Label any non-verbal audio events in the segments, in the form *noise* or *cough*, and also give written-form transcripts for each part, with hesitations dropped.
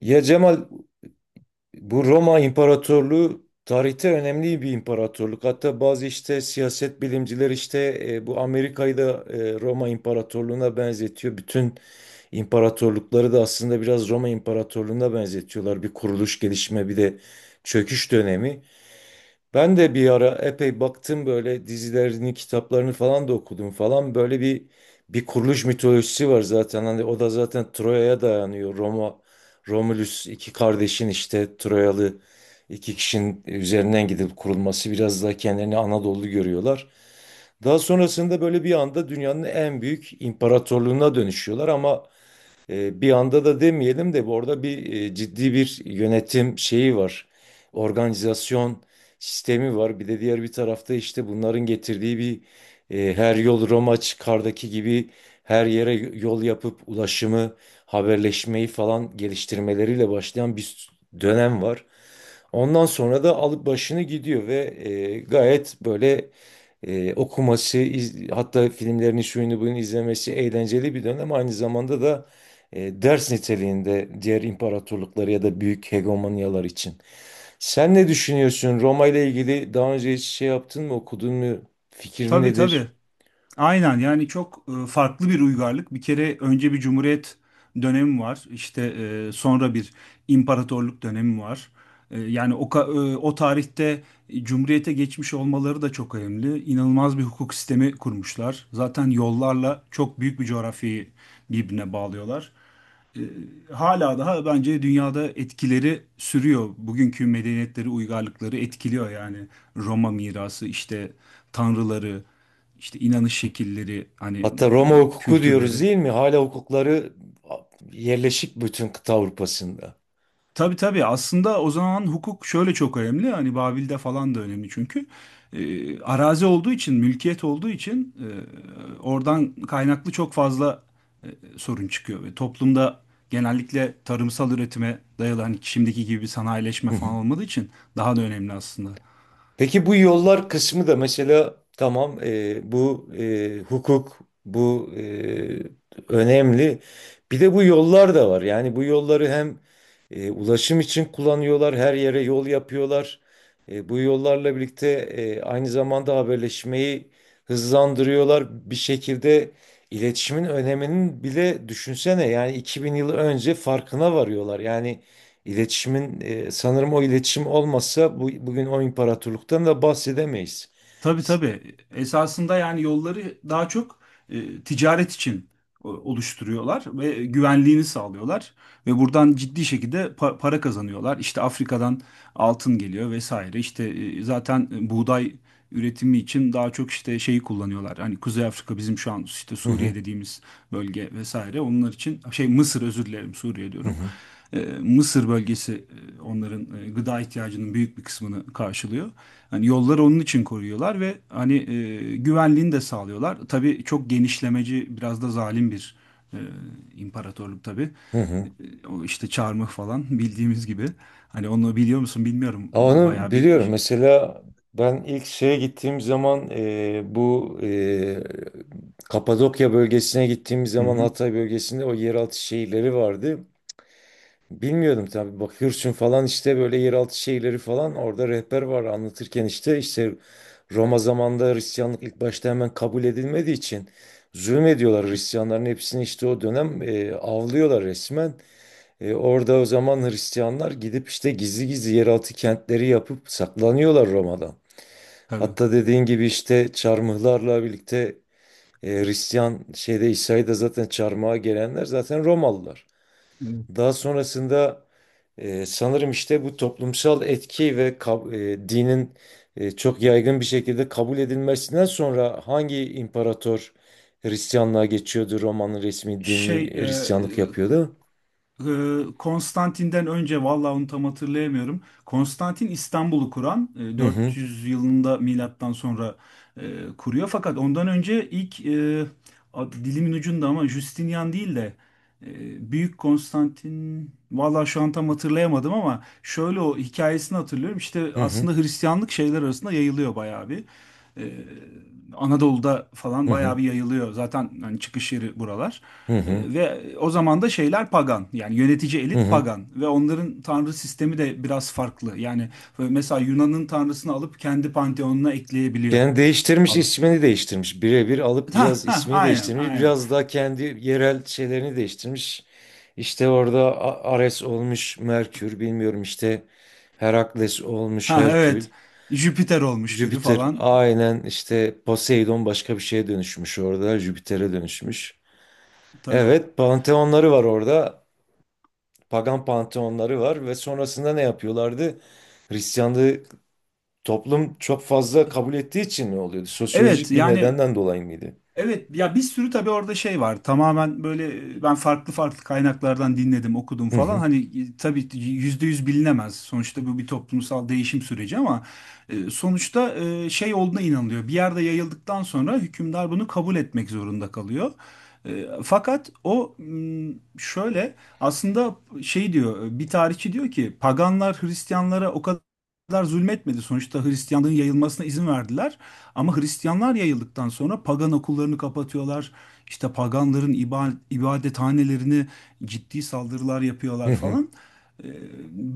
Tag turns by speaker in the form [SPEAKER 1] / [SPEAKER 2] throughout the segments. [SPEAKER 1] Ya Cemal, bu Roma İmparatorluğu tarihte önemli bir imparatorluk. Hatta bazı siyaset bilimciler bu Amerika'yı da Roma İmparatorluğu'na benzetiyor. Bütün imparatorlukları da aslında biraz Roma İmparatorluğu'na benzetiyorlar. Bir kuruluş, gelişme, bir de çöküş dönemi. Ben de bir ara epey baktım, böyle dizilerini, kitaplarını falan da okudum falan. Böyle bir kuruluş mitolojisi var zaten. Hani o da zaten Troya'ya dayanıyor. Roma, Romulus iki kardeşin işte Troyalı iki kişinin üzerinden gidip kurulması, biraz daha kendilerini Anadolu görüyorlar. Daha sonrasında böyle bir anda dünyanın en büyük imparatorluğuna dönüşüyorlar ama bir anda da demeyelim de, bu arada ciddi bir yönetim şeyi var. Organizasyon sistemi var. Bir de diğer bir tarafta işte bunların getirdiği bir her yol Roma çıkardaki gibi her yere yol yapıp ulaşımı, haberleşmeyi falan geliştirmeleriyle başlayan bir dönem var. Ondan sonra da alıp başını gidiyor ve gayet böyle, okuması, hatta filmlerini şuyunu bunu izlemesi eğlenceli bir dönem. Aynı zamanda da ders niteliğinde diğer imparatorlukları ya da büyük hegemonyalar için. Sen ne düşünüyorsun? Roma ile ilgili daha önce hiç şey yaptın mı, okudun mu? Fikrin
[SPEAKER 2] Tabii tabii.
[SPEAKER 1] nedir?
[SPEAKER 2] Aynen yani çok farklı bir uygarlık. Bir kere önce bir cumhuriyet dönemi var. İşte sonra bir imparatorluk dönemi var. Yani o tarihte cumhuriyete geçmiş olmaları da çok önemli. İnanılmaz bir hukuk sistemi kurmuşlar. Zaten yollarla çok büyük bir coğrafyayı birbirine bağlıyorlar. Hala daha bence dünyada etkileri sürüyor. Bugünkü medeniyetleri, uygarlıkları etkiliyor yani. Roma mirası, işte tanrıları, işte inanış şekilleri, hani
[SPEAKER 1] Hatta Roma hukuku diyoruz
[SPEAKER 2] kültürleri.
[SPEAKER 1] değil mi? Hala hukukları yerleşik bütün kıta Avrupa'sında.
[SPEAKER 2] Tabii tabii, aslında o zaman hukuk şöyle çok önemli, hani Babil'de falan da önemli, çünkü arazi olduğu için, mülkiyet olduğu için, oradan kaynaklı çok fazla e, sorun çıkıyor ve toplumda genellikle tarımsal üretime dayalı, hani şimdiki gibi bir sanayileşme falan
[SPEAKER 1] *laughs*
[SPEAKER 2] olmadığı için daha da önemli aslında.
[SPEAKER 1] Peki bu yollar kısmı da mesela tamam, bu hukuk bu e, önemli. Bir de bu yollar da var. Yani bu yolları hem ulaşım için kullanıyorlar, her yere yol yapıyorlar. Bu yollarla birlikte aynı zamanda haberleşmeyi hızlandırıyorlar. Bir şekilde iletişimin öneminin bile, düşünsene, yani 2000 yıl önce farkına varıyorlar. Yani İletişimin sanırım o iletişim olmasa bu, bugün o imparatorluktan da bahsedemeyiz.
[SPEAKER 2] Tabii tabii. Esasında yani yolları daha çok ticaret için oluşturuyorlar ve güvenliğini sağlıyorlar ve buradan ciddi şekilde para kazanıyorlar. İşte Afrika'dan altın geliyor vesaire. İşte zaten buğday üretimi için daha çok işte şeyi kullanıyorlar. Hani Kuzey Afrika, bizim şu an işte
[SPEAKER 1] Hı hı,
[SPEAKER 2] Suriye dediğimiz bölge vesaire. Onlar için şey, Mısır, özür dilerim, Suriye
[SPEAKER 1] hı
[SPEAKER 2] diyorum.
[SPEAKER 1] hı,
[SPEAKER 2] Mısır bölgesi onların gıda ihtiyacının büyük bir kısmını karşılıyor. Hani yolları onun için koruyorlar ve hani güvenliğini de sağlıyorlar. Tabii çok genişlemeci, biraz da zalim bir e, imparatorluk tabii.
[SPEAKER 1] hı hı.
[SPEAKER 2] O işte çarmıh falan *laughs* bildiğimiz gibi. Hani onu biliyor musun bilmiyorum.
[SPEAKER 1] Ama onu
[SPEAKER 2] Bayağı
[SPEAKER 1] biliyorum.
[SPEAKER 2] bir...
[SPEAKER 1] Mesela ben ilk şeye gittiğim zaman, bu Kapadokya bölgesine gittiğim
[SPEAKER 2] Hı
[SPEAKER 1] zaman,
[SPEAKER 2] hı,
[SPEAKER 1] Hatay bölgesinde o yeraltı şehirleri vardı. Bilmiyordum tabii. Bakıyorsun falan işte, böyle yeraltı şeyleri falan, orada rehber var anlatırken, işte Roma zamanında Hristiyanlık ilk başta hemen kabul edilmediği için zulmediyorlar, Hristiyanların hepsini işte o dönem avlıyorlar resmen. E, orada o zaman Hristiyanlar gidip işte gizli gizli yeraltı kentleri yapıp saklanıyorlar Roma'dan.
[SPEAKER 2] tabii.
[SPEAKER 1] Hatta dediğin gibi işte çarmıhlarla birlikte, Hristiyan şeyde İsa'yı da zaten çarmıha gelenler zaten Romalılar.
[SPEAKER 2] Evet.
[SPEAKER 1] Daha sonrasında sanırım işte bu toplumsal etki ve dinin, çok yaygın bir şekilde kabul edilmesinden sonra, hangi imparator Hristiyanlığa geçiyordu? Roma'nın resmi dini
[SPEAKER 2] Şey,
[SPEAKER 1] Hristiyanlık yapıyordu.
[SPEAKER 2] Konstantin'den önce vallahi onu tam hatırlayamıyorum. Konstantin İstanbul'u kuran
[SPEAKER 1] Hı hı,
[SPEAKER 2] 400 yılında milattan sonra e, kuruyor. Fakat ondan önce ilk dilimin ucunda, ama Justinian değil de Büyük Konstantin, vallahi şu an tam hatırlayamadım ama şöyle o hikayesini hatırlıyorum. İşte
[SPEAKER 1] hı hı,
[SPEAKER 2] aslında Hristiyanlık şeyler arasında yayılıyor bayağı bir. Ee, Anadolu'da falan
[SPEAKER 1] hı
[SPEAKER 2] bayağı
[SPEAKER 1] hı,
[SPEAKER 2] bir yayılıyor. Zaten hani çıkış yeri buralar.
[SPEAKER 1] hı hı.
[SPEAKER 2] Ve o zaman da şeyler pagan, yani yönetici
[SPEAKER 1] Hı
[SPEAKER 2] elit
[SPEAKER 1] hı.
[SPEAKER 2] pagan ve onların tanrı sistemi de biraz farklı. Yani mesela Yunan'ın tanrısını alıp kendi panteonuna ekleyebiliyor
[SPEAKER 1] Yani değiştirmiş,
[SPEAKER 2] falan.
[SPEAKER 1] ismini değiştirmiş. Birebir alıp
[SPEAKER 2] Ha
[SPEAKER 1] biraz
[SPEAKER 2] ha,
[SPEAKER 1] ismini
[SPEAKER 2] aynen
[SPEAKER 1] değiştirmiş.
[SPEAKER 2] aynen.
[SPEAKER 1] Biraz daha kendi yerel şeylerini değiştirmiş. İşte orada Ares olmuş, Merkür bilmiyorum, işte Herakles olmuş
[SPEAKER 2] Ha,
[SPEAKER 1] Herkül.
[SPEAKER 2] evet, Jüpiter olmuş biri
[SPEAKER 1] Jüpiter,
[SPEAKER 2] falan
[SPEAKER 1] aynen işte, Poseidon başka bir şeye dönüşmüş orada. Jüpiter'e dönüşmüş.
[SPEAKER 2] tabii.
[SPEAKER 1] Evet, panteonları var orada. Pagan panteonları var ve sonrasında ne yapıyorlardı? Hristiyanlığı toplum çok fazla kabul ettiği için ne oluyordu?
[SPEAKER 2] Evet
[SPEAKER 1] Sosyolojik bir
[SPEAKER 2] yani
[SPEAKER 1] nedenden dolayı mıydı?
[SPEAKER 2] evet ya, bir sürü tabii orada şey var. Tamamen böyle ben farklı farklı kaynaklardan dinledim, okudum
[SPEAKER 1] Hı
[SPEAKER 2] falan.
[SPEAKER 1] hı,
[SPEAKER 2] Hani tabii yüzde yüz bilinemez. Sonuçta bu bir toplumsal değişim süreci, ama sonuçta şey olduğuna inanılıyor. Bir yerde yayıldıktan sonra hükümdar bunu kabul etmek zorunda kalıyor. Fakat o, şöyle aslında, şey diyor bir tarihçi, diyor ki paganlar Hristiyanlara o kadar zulmetmedi. Sonuçta Hristiyanlığın yayılmasına izin verdiler. Ama Hristiyanlar yayıldıktan sonra pagan okullarını kapatıyorlar. İşte paganların ibadethanelerini ciddi saldırılar
[SPEAKER 1] hı
[SPEAKER 2] yapıyorlar
[SPEAKER 1] hı,
[SPEAKER 2] falan. Ee,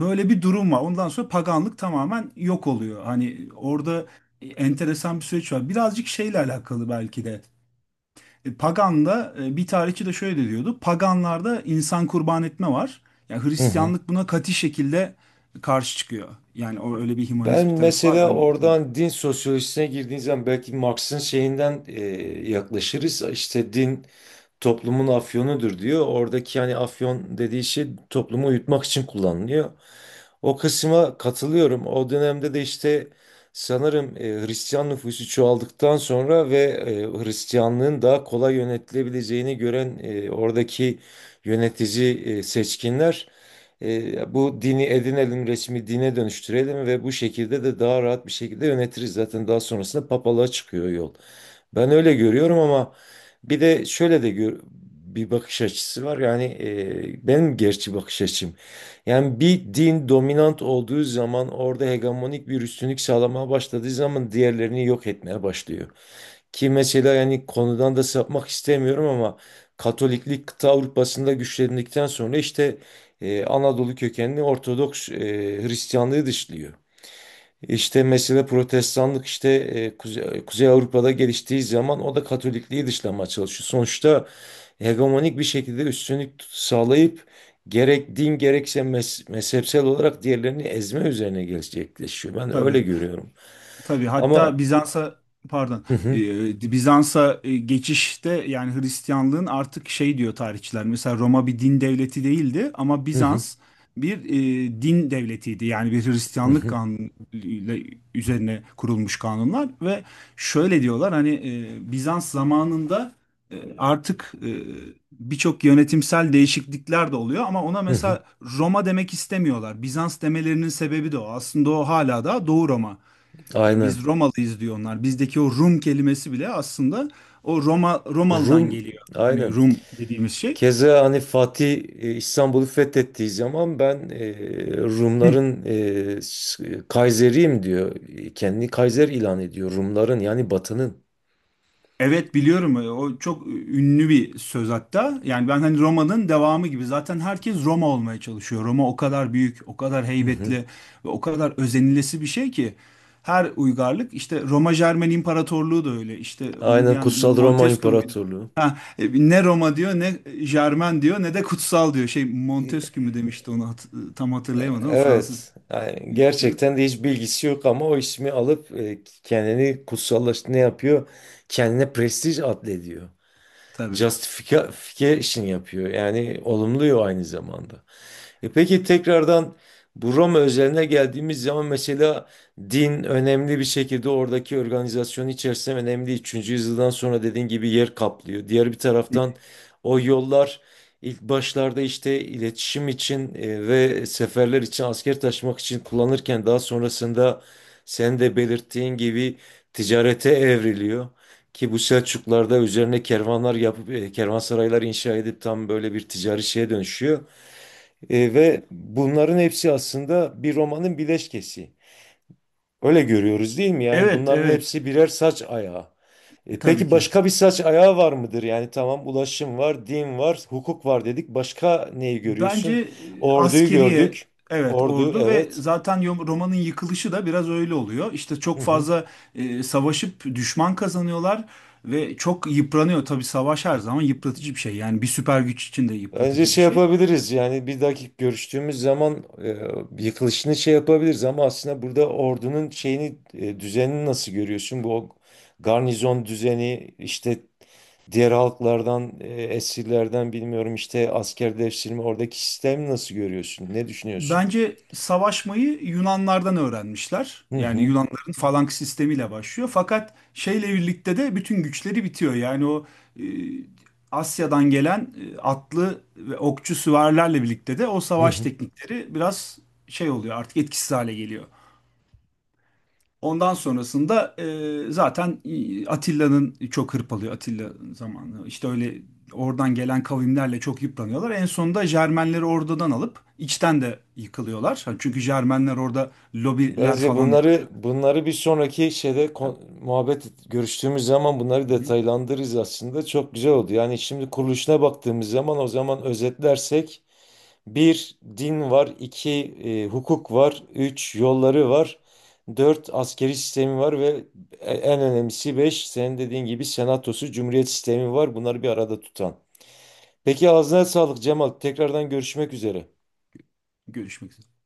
[SPEAKER 2] Böyle bir durum var. Ondan sonra paganlık tamamen yok oluyor. Hani orada enteresan bir süreç var. Birazcık şeyle alakalı belki de. Pagan'da bir tarihçi de şöyle diyordu. Paganlarda insan kurban etme var. Yani
[SPEAKER 1] hı.
[SPEAKER 2] Hristiyanlık buna katı şekilde karşı çıkıyor. Yani o öyle bir
[SPEAKER 1] Ben
[SPEAKER 2] hümanist bir tarafı var.
[SPEAKER 1] mesela
[SPEAKER 2] Hani
[SPEAKER 1] oradan din sosyolojisine girdiğiniz zaman, belki Marx'ın şeyinden yaklaşırız. İşte din toplumun afyonudur diyor. Oradaki yani afyon dediği şey toplumu uyutmak için kullanılıyor. O kısma katılıyorum. O dönemde de işte sanırım, Hristiyan nüfusu çoğaldıktan sonra ve Hristiyanlığın daha kolay yönetilebileceğini gören oradaki yönetici seçkinler, bu dini edinelim, resmi dine dönüştürelim ve bu şekilde de daha rahat bir şekilde yönetiriz. Zaten daha sonrasında papalığa çıkıyor yol. Ben öyle görüyorum ama bir de şöyle de bir bakış açısı var. Yani benim gerçi bakış açım. Yani bir din dominant olduğu zaman, orada hegemonik bir üstünlük sağlamaya başladığı zaman, diğerlerini yok etmeye başlıyor. Ki mesela, yani konudan da sapmak istemiyorum ama, Katoliklik kıta Avrupa'sında güçlendikten sonra işte, Anadolu kökenli Ortodoks Hristiyanlığı dışlıyor. İşte mesela Protestanlık işte, Kuzey Avrupa'da geliştiği zaman o da Katolikliği dışlamaya çalışıyor. Sonuçta hegemonik bir şekilde üstünlük sağlayıp, gerek din gerekse mezhepsel olarak diğerlerini ezme üzerine gerçekleşiyor. Ben öyle
[SPEAKER 2] tabii.
[SPEAKER 1] görüyorum.
[SPEAKER 2] Tabii hatta
[SPEAKER 1] Ama
[SPEAKER 2] Bizans'a, pardon,
[SPEAKER 1] hı hı,
[SPEAKER 2] Bizans'a geçişte, yani Hristiyanlığın artık, şey diyor tarihçiler, mesela Roma bir din devleti değildi ama
[SPEAKER 1] hı hı,
[SPEAKER 2] Bizans bir din devletiydi. Yani bir
[SPEAKER 1] hı
[SPEAKER 2] Hristiyanlık
[SPEAKER 1] hı,
[SPEAKER 2] kanunuyla üzerine kurulmuş kanunlar ve şöyle diyorlar, hani Bizans zamanında artık birçok yönetimsel değişiklikler de oluyor ama ona
[SPEAKER 1] hı hı.
[SPEAKER 2] mesela Roma demek istemiyorlar. Bizans demelerinin sebebi de o. Aslında o hala da Doğu Roma, yani biz
[SPEAKER 1] Aynen.
[SPEAKER 2] Romalıyız diyor onlar. Bizdeki o Rum kelimesi bile aslında o Roma Romalı'dan
[SPEAKER 1] Rum,
[SPEAKER 2] geliyor. Hani
[SPEAKER 1] aynen.
[SPEAKER 2] Rum dediğimiz şey.
[SPEAKER 1] Keza hani Fatih, İstanbul'u fethettiği zaman ben
[SPEAKER 2] Hı.
[SPEAKER 1] Rumların, Kaiseriyim diyor. E, kendini Kaiser ilan ediyor. Rumların yani Batı'nın.
[SPEAKER 2] Evet biliyorum. O çok ünlü bir söz hatta. Yani ben hani Roma'nın devamı gibi. Zaten herkes Roma olmaya çalışıyor. Roma o kadar büyük, o kadar
[SPEAKER 1] Hı
[SPEAKER 2] heybetli
[SPEAKER 1] hı.
[SPEAKER 2] ve o kadar özenilesi bir şey ki. Her uygarlık işte Roma Jermen İmparatorluğu da öyle. İşte onu
[SPEAKER 1] Aynen,
[SPEAKER 2] diyen
[SPEAKER 1] Kutsal Roma
[SPEAKER 2] Montesquieu muydu?
[SPEAKER 1] İmparatorluğu.
[SPEAKER 2] Ha, ne Roma diyor, ne Jermen diyor, ne de kutsal diyor. Şey,
[SPEAKER 1] E,
[SPEAKER 2] Montesquieu mu demişti onu tam hatırlayamadım, ama Fransız
[SPEAKER 1] Evet. Yani
[SPEAKER 2] düşünür.
[SPEAKER 1] gerçekten de hiç bilgisi yok ama o ismi alıp kendini kutsallaştı, ne yapıyor? Kendine prestij atfediyor.
[SPEAKER 2] Tabii.
[SPEAKER 1] Justification yapıyor. Yani olumluyor aynı zamanda. E peki, tekrardan bu Roma özeline geldiğimiz zaman mesela, din önemli bir şekilde oradaki organizasyon içerisinde önemli. 3. yüzyıldan sonra dediğin gibi yer kaplıyor. Diğer bir taraftan o yollar ilk başlarda işte iletişim için ve seferler için asker taşımak için kullanırken, daha sonrasında sen de belirttiğin gibi ticarete evriliyor. Ki bu Selçuklarda üzerine kervanlar yapıp kervansaraylar inşa edip tam böyle bir ticari şeye dönüşüyor. E, ve bunların hepsi aslında bir romanın bileşkesi. Öyle görüyoruz değil mi? Yani
[SPEAKER 2] Evet
[SPEAKER 1] bunların
[SPEAKER 2] evet,
[SPEAKER 1] hepsi birer saç ayağı. E
[SPEAKER 2] tabii
[SPEAKER 1] peki,
[SPEAKER 2] ki.
[SPEAKER 1] başka bir saç ayağı var mıdır? Yani tamam, ulaşım var, din var, hukuk var dedik. Başka neyi
[SPEAKER 2] Bence
[SPEAKER 1] görüyorsun? Orduyu
[SPEAKER 2] askeriye,
[SPEAKER 1] gördük.
[SPEAKER 2] evet
[SPEAKER 1] Ordu,
[SPEAKER 2] ordu ve
[SPEAKER 1] evet.
[SPEAKER 2] zaten romanın yıkılışı da biraz öyle oluyor. İşte
[SPEAKER 1] Hı
[SPEAKER 2] çok
[SPEAKER 1] hı.
[SPEAKER 2] fazla savaşıp düşman kazanıyorlar ve çok yıpranıyor. Tabii savaş her zaman yıpratıcı bir şey. Yani bir süper güç için de
[SPEAKER 1] Bence
[SPEAKER 2] yıpratıcı bir
[SPEAKER 1] şey
[SPEAKER 2] şey.
[SPEAKER 1] yapabiliriz, yani bir dakika görüştüğümüz zaman yıkılışını şey yapabiliriz ama aslında burada ordunun şeyini, düzenini nasıl görüyorsun? Bu garnizon düzeni işte, diğer halklardan, esirlerden bilmiyorum, işte askerleştirme, oradaki sistemi nasıl görüyorsun? Ne düşünüyorsun?
[SPEAKER 2] Bence savaşmayı Yunanlardan öğrenmişler.
[SPEAKER 1] Hı
[SPEAKER 2] Yani
[SPEAKER 1] hı.
[SPEAKER 2] Yunanların falanks sistemiyle başlıyor. Fakat şeyle birlikte de bütün güçleri bitiyor. Yani o e, Asya'dan gelen atlı ve okçu süvarilerle birlikte de o
[SPEAKER 1] Hı
[SPEAKER 2] savaş
[SPEAKER 1] hı.
[SPEAKER 2] teknikleri biraz şey oluyor, artık etkisiz hale geliyor. Ondan sonrasında zaten Atilla'nın çok hırpalıyor, Atilla zamanı. İşte öyle, oradan gelen kavimlerle çok yıpranıyorlar. En sonunda Jermenleri oradan alıp içten de yıkılıyorlar. Çünkü Jermenler orada lobiler
[SPEAKER 1] Bence
[SPEAKER 2] falan
[SPEAKER 1] bunları
[SPEAKER 2] yapıyor.
[SPEAKER 1] bunları bir sonraki şeyde muhabbet görüştüğümüz zaman bunları
[SPEAKER 2] Hı hı.
[SPEAKER 1] detaylandırırız aslında. Çok güzel oldu. Yani şimdi kuruluşuna baktığımız zaman, o zaman özetlersek, bir din var, iki hukuk var, üç yolları var, dört askeri sistemi var ve en önemlisi beş, senin dediğin gibi senatosu, cumhuriyet sistemi var. Bunları bir arada tutan. Peki, ağzına sağlık Cemal. Tekrardan görüşmek üzere.
[SPEAKER 2] Görüşmek üzere.